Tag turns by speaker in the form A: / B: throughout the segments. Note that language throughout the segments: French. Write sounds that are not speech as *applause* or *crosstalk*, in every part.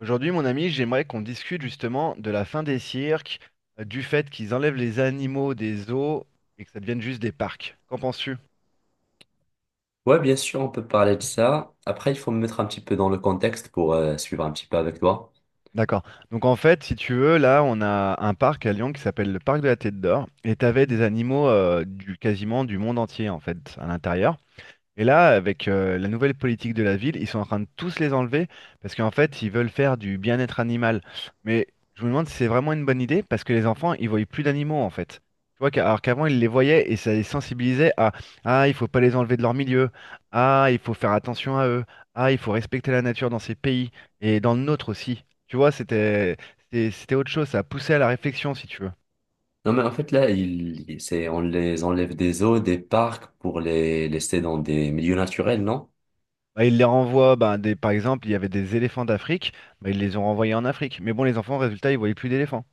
A: Aujourd'hui, mon ami, j'aimerais qu'on discute justement de la fin des cirques, du fait qu'ils enlèvent les animaux des zoos et que ça devienne juste des parcs. Qu'en penses-tu?
B: Ouais, bien sûr, on peut parler de ça. Après, il faut me mettre un petit peu dans le contexte pour suivre un petit peu avec toi.
A: D'accord. Donc en fait, si tu veux, là, on a un parc à Lyon qui s'appelle le parc de la Tête d'Or et t'avais des animaux du quasiment du monde entier en fait à l'intérieur. Et là, avec la nouvelle politique de la ville, ils sont en train de tous les enlever parce qu'en fait, ils veulent faire du bien-être animal. Mais je me demande si c'est vraiment une bonne idée parce que les enfants, ils voient plus d'animaux en fait. Tu vois, alors qu'avant, ils les voyaient et ça les sensibilisait à. Ah, il faut pas les enlever de leur milieu. Ah, il faut faire attention à eux. Ah, il faut respecter la nature dans ces pays et dans le nôtre aussi. Tu vois, c'était autre chose. Ça poussait à la réflexion, si tu veux.
B: Non, mais en fait, là, c'est, on les enlève des zoos, des parcs pour les laisser dans des milieux naturels, non?
A: Bah, ils les renvoient, bah, des, par exemple, il y avait des éléphants d'Afrique, bah, ils les ont renvoyés en Afrique. Mais bon, les enfants, résultat, ils voyaient plus d'éléphants.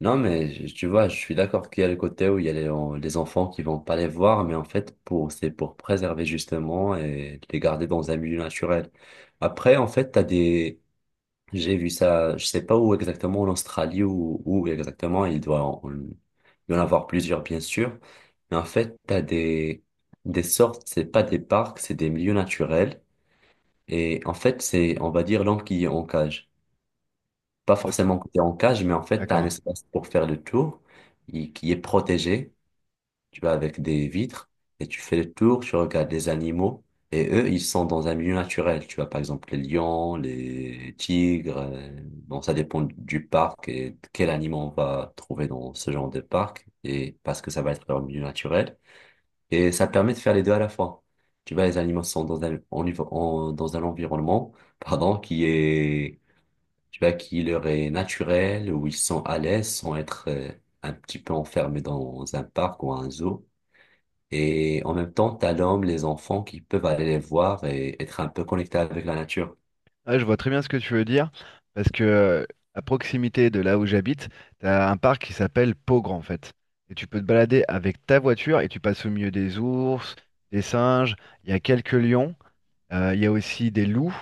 B: Non, mais tu vois, je suis d'accord qu'il y a le côté où il y a les enfants qui vont pas les voir, mais en fait, c'est pour préserver justement et les garder dans un milieu naturel. Après, en fait, j'ai vu ça, je sais pas où exactement, en Australie ou où exactement, il doit en, il doit y en avoir plusieurs bien sûr, mais en fait, des sortes, c'est pas des parcs, c'est des milieux naturels, et en fait, c'est, on va dire, l'homme qui est en cage. Pas
A: Ok,
B: forcément que tu en cage, mais en fait, tu as un
A: d'accord.
B: espace pour faire le tour, qui est protégé, tu vas avec des vitres et tu fais le tour, tu regardes les animaux et eux, ils sont dans un milieu naturel. Tu vois, par exemple, les lions, les tigres. Bon, ça dépend du parc et de quel animal on va trouver dans ce genre de parc et parce que ça va être leur milieu naturel. Et ça permet de faire les deux à la fois. Tu vois, les animaux sont dans dans un environnement, *laughs* pardon, qui est, tu vois, qui leur est naturel, où ils sont à l'aise sans être un petit peu enfermés dans un parc ou un zoo. Et en même temps, t'as l'homme, les enfants qui peuvent aller les voir et être un peu connectés avec la nature.
A: Ah, je vois très bien ce que tu veux dire, parce que à proximité de là où j'habite, tu as un parc qui s'appelle Pogre, en fait. Et tu peux te balader avec ta voiture et tu passes au milieu des ours, des singes, il y a quelques lions, il y a aussi des loups,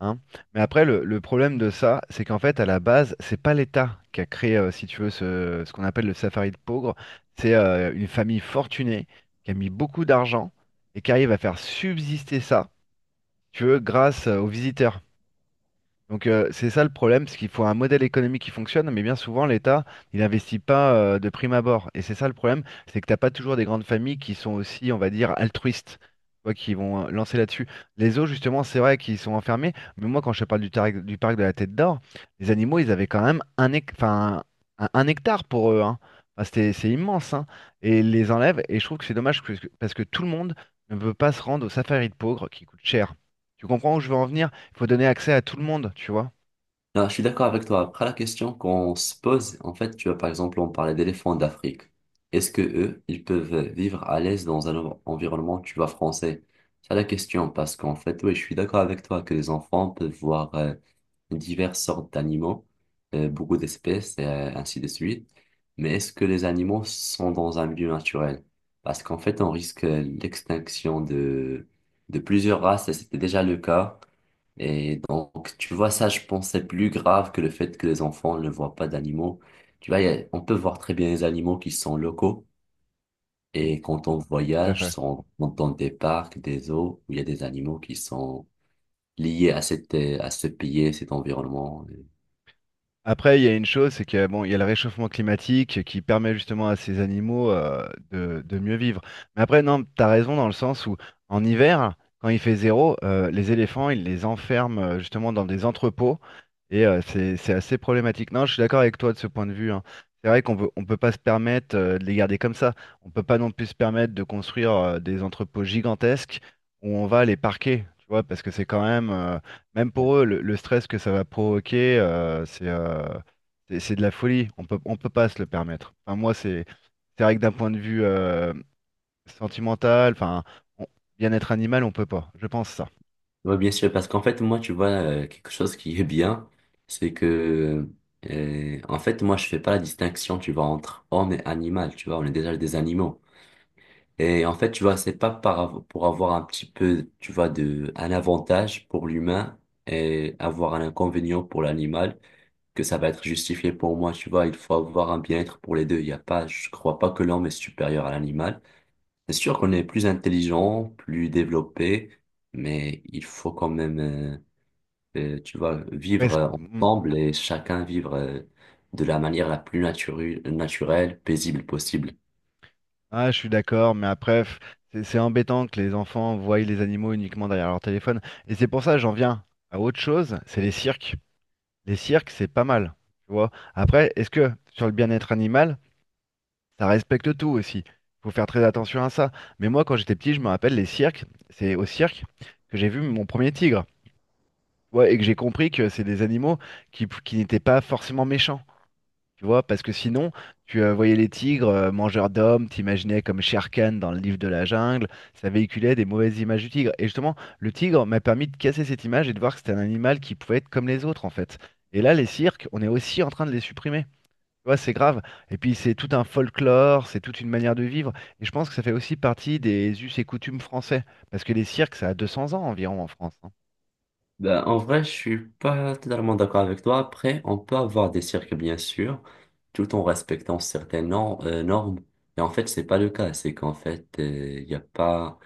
A: hein. Mais après, le problème de ça, c'est qu'en fait, à la base, c'est pas l'État qui a créé, si tu veux, ce qu'on appelle le safari de pauvres. C'est une famille fortunée qui a mis beaucoup d'argent et qui arrive à faire subsister ça, tu veux, grâce aux visiteurs. Donc c'est ça le problème, c'est qu'il faut un modèle économique qui fonctionne, mais bien souvent l'État, il n'investit pas de prime abord. Et c'est ça le problème, c'est que t'as pas toujours des grandes familles qui sont aussi, on va dire, altruistes, tu vois, qui vont lancer là-dessus. Les zoos, justement, c'est vrai qu'ils sont enfermés, mais moi quand je te parle du, du parc de la Tête d'Or, les animaux, ils avaient quand même un, enfin, un hectare pour eux, hein. Enfin, c'est immense, hein. Et ils les enlèvent, et je trouve que c'est dommage que parce que tout le monde ne peut pas se rendre au safari de pauvres qui coûte cher. Tu comprends où je veux en venir? Faut donner accès à tout le monde, tu vois.
B: Non, je suis d'accord avec toi. Après, la question qu'on se pose, en fait, tu vois, par exemple, on parlait d'éléphants d'Afrique. Est-ce que eux, ils peuvent vivre à l'aise dans un environnement, tu vois, français? C'est la question, parce qu'en fait, oui, je suis d'accord avec toi que les enfants peuvent voir diverses sortes d'animaux, beaucoup d'espèces, et ainsi de suite. Mais est-ce que les animaux sont dans un milieu naturel? Parce qu'en fait, on risque l'extinction de plusieurs races, et c'était déjà le cas. Et donc, tu vois, ça, je pense, c'est plus grave que le fait que les enfants ne voient pas d'animaux. Tu vois, on peut voir très bien les animaux qui sont locaux.
A: Mm.
B: Et quand on
A: Tout à
B: voyage,
A: fait.
B: si on rentre dans des parcs, des eaux, où il y a des animaux qui sont liés à à ce pays, cet environnement.
A: Après, il y a une chose, c'est que bon, il y a le réchauffement climatique qui permet justement à ces animaux de mieux vivre. Mais après, non, t'as raison dans le sens où en hiver, quand il fait zéro, les éléphants, ils les enferment justement dans des entrepôts et c'est assez problématique. Non, je suis d'accord avec toi de ce point de vue, hein. C'est vrai qu'on peut, on peut pas se permettre de les garder comme ça. On peut pas non plus se permettre de construire des entrepôts gigantesques où on va les parquer, tu vois, parce que c'est quand même même pour eux, le stress que ça va provoquer, c'est c'est de la folie. On peut pas se le permettre. Enfin, moi, c'est vrai que d'un point de vue sentimental, enfin, on- bien-être animal, on peut pas. Je pense ça.
B: Oui, bien sûr, parce qu'en fait, moi, tu vois, quelque chose qui est bien, c'est que, en fait, moi, je fais pas la distinction, tu vois, entre homme et animal, tu vois, on est déjà des animaux. Et en fait, tu vois, c'est pas pour avoir un petit peu, tu vois, un avantage pour l'humain et avoir un inconvénient pour l'animal que ça va être justifié pour moi, tu vois. Il faut avoir un bien-être pour les deux. Il y a pas, je crois pas que l'homme est supérieur à l'animal. C'est sûr qu'on est plus intelligent, plus développé, mais il faut quand même, tu vois,
A: Après,
B: vivre ensemble et chacun vivre, de la manière la plus naturelle, paisible possible.
A: ah, je suis d'accord, mais après, c'est embêtant que les enfants voient les animaux uniquement derrière leur téléphone. Et c'est pour ça, que j'en viens à autre chose, c'est les cirques. Les cirques, c'est pas mal. Tu vois. Après, est-ce que sur le bien-être animal, ça respecte tout aussi. Faut faire très attention à ça. Mais moi, quand j'étais petit, je me rappelle les cirques. C'est au cirque que j'ai vu mon premier tigre. Ouais, et que j'ai compris que c'est des animaux qui n'étaient pas forcément méchants. Tu vois, parce que sinon, tu voyais les tigres mangeurs d'hommes, t'imaginais comme Shere Khan dans le livre de la jungle. Ça véhiculait des mauvaises images du tigre. Et justement, le tigre m'a permis de casser cette image et de voir que c'était un animal qui pouvait être comme les autres, en fait. Et là, les cirques, on est aussi en train de les supprimer. Tu vois, c'est grave. Et puis c'est tout un folklore, c'est toute une manière de vivre. Et je pense que ça fait aussi partie des us et coutumes français. Parce que les cirques, ça a 200 ans environ en France. Hein.
B: Ben, en vrai, je suis pas totalement d'accord avec toi. Après, on peut avoir des cirques, bien sûr, tout en respectant certaines normes. Et en fait, c'est pas le cas. C'est qu'en fait, il y a pas.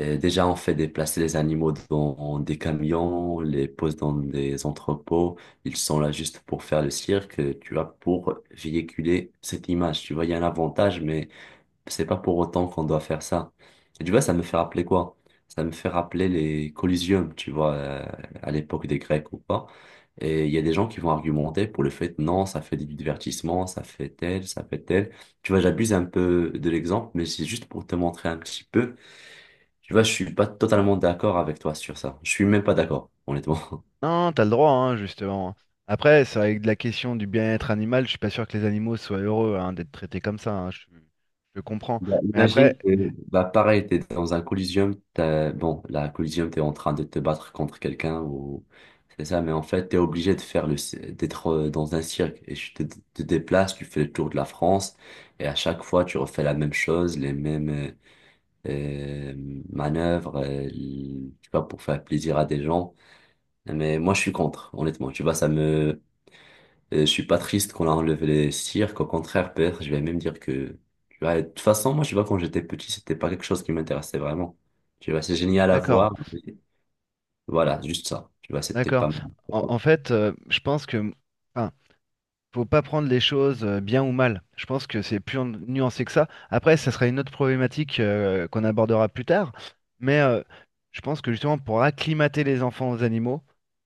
B: Déjà, on fait déplacer les animaux dans des camions, on les pose dans des entrepôts. Ils sont là juste pour faire le cirque, tu vois, pour véhiculer cette image. Tu vois, il y a un avantage, mais c'est pas pour autant qu'on doit faire ça. Et tu vois, ça me fait rappeler quoi? Ça me fait rappeler les collisions, tu vois, à l'époque des Grecs ou pas. Et il y a des gens qui vont argumenter pour le fait, non, ça fait du divertissement, ça fait tel, ça fait tel. Tu vois, j'abuse un peu de l'exemple, mais c'est juste pour te montrer un petit peu. Tu vois, je suis pas totalement d'accord avec toi sur ça. Je suis même pas d'accord, honnêtement.
A: Non, t'as le droit, hein, justement. Après, c'est avec de la question du bien-être animal, je suis pas sûr que les animaux soient heureux hein, d'être traités comme ça. Hein, je comprends.
B: Bah,
A: Mais
B: imagine
A: après,
B: que, bah, pareil, t'es dans un collisium, bon, la collisium, t'es en train de te battre contre quelqu'un ou, c'est ça, mais en fait, t'es obligé de faire d'être dans un cirque et te déplaces, tu fais le tour de la France et à chaque fois, tu refais la même chose, les mêmes euh, manœuvres, tu vois, pour faire plaisir à des gens. Mais moi, je suis contre, honnêtement, tu vois, je suis pas triste qu'on a enlevé les cirques, au contraire, peut-être, je vais même dire que, tu vois, de toute façon, moi, je vois, quand j'étais petit, c'était pas quelque chose qui m'intéressait vraiment. Tu vois, c'est génial à
A: d'accord,
B: voir, mais voilà, juste ça. Tu vois, c'était
A: d'accord.
B: pas mal.
A: En fait, je pense que, enfin, faut pas prendre les choses bien ou mal. Je pense que c'est plus nuancé que ça. Après, ça sera une autre problématique qu'on abordera plus tard. Mais je pense que justement, pour acclimater les enfants aux animaux,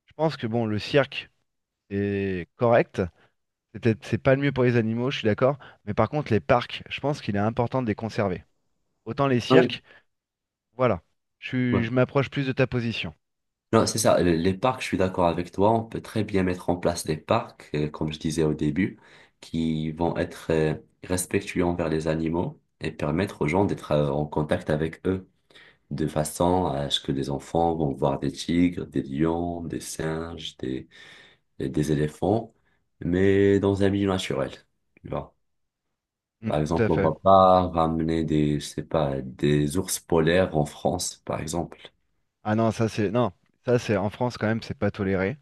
A: je pense que bon, le cirque est correct. C'est pas le mieux pour les animaux, je suis d'accord. Mais par contre, les parcs, je pense qu'il est important de les conserver. Autant les
B: Ouais.
A: cirques, voilà.
B: Ouais.
A: Je m'approche plus de ta position.
B: Non, c'est ça, les parcs, je suis d'accord avec toi, on peut très bien mettre en place des parcs, comme je disais au début, qui vont être respectueux envers les animaux et permettre aux gens d'être en contact avec eux. De façon à ce que les enfants vont voir des tigres, des lions, des singes, des éléphants, mais dans un milieu naturel, tu vois.
A: Mm,
B: Par
A: tout à
B: exemple, on
A: fait.
B: va pas ramener je sais pas, des ours polaires en France, par exemple.
A: Ah non, ça c'est non, ça c'est en France quand même, c'est pas toléré.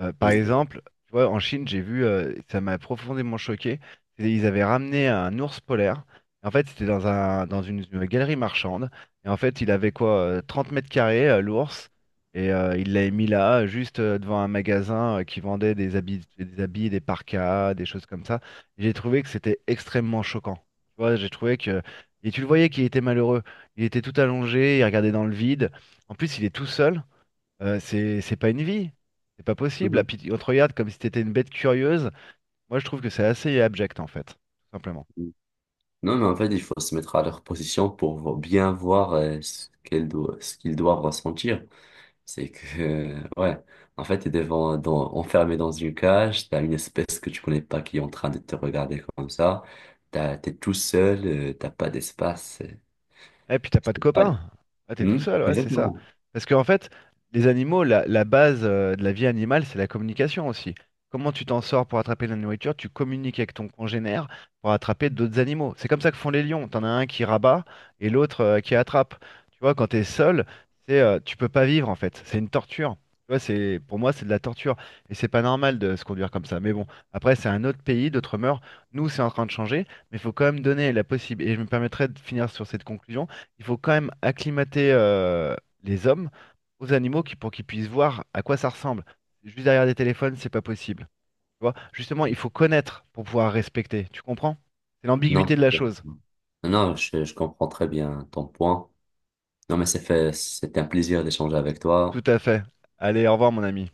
A: Par
B: Exactement.
A: exemple, tu vois, en Chine, j'ai vu, ça m'a profondément choqué. Ils avaient ramené un ours polaire. En fait, c'était dans un, une galerie marchande. Et en fait, il avait quoi, 30 mètres carrés, l'ours. Et il l'avait mis là, juste devant un magasin qui vendait des habits, des parkas, des choses comme ça. Et j'ai trouvé que c'était extrêmement choquant. Tu vois, j'ai trouvé que. Et tu le voyais qu'il était malheureux. Il était tout allongé, il regardait dans le vide. En plus, il est tout seul. C'est pas une vie. C'est pas possible. Là,
B: Mhm.
A: puis on te regarde comme si t'étais une bête curieuse. Moi, je trouve que c'est assez abject, en fait. Tout simplement.
B: Non, mais en fait, il faut se mettre à leur position pour bien voir ce ce qu'ils doivent ressentir. C'est que, *laughs* ouais, en fait, enfermé dans une cage, t'as une espèce que tu connais pas qui est en train de te regarder comme ça, t'es tout seul, t'as pas d'espace.
A: Et puis t'as pas de
B: Ouais.
A: copain. Ah, t'es tout
B: Hmm,
A: seul, ouais, c'est ça.
B: exactement.
A: Parce qu'en fait, les animaux, la base de la vie animale, c'est la communication aussi. Comment tu t'en sors pour attraper de la nourriture? Tu communiques avec ton congénère pour attraper d'autres animaux. C'est comme ça que font les lions. T'en as un qui rabat et l'autre qui attrape. Tu vois, quand t'es seul, c'est tu peux pas vivre en fait. C'est une torture. Tu vois, c'est pour moi, c'est de la torture. Et c'est pas normal de se conduire comme ça. Mais bon, après, c'est un autre pays, d'autres mœurs. Nous, c'est en train de changer, mais il faut quand même donner la possibilité. Et je me permettrai de finir sur cette conclusion il faut quand même acclimater les hommes aux animaux pour qu'ils puissent voir à quoi ça ressemble. Juste derrière des téléphones, c'est pas possible. Tu vois? Justement, il faut connaître pour pouvoir respecter. Tu comprends? C'est
B: Non,
A: l'ambiguïté de
B: c'est
A: la
B: ça.
A: chose.
B: Non, non, je comprends très bien ton point. Non, mais c'est fait, c'était un plaisir d'échanger avec
A: Tout
B: toi.
A: à fait. Allez, au revoir, mon ami.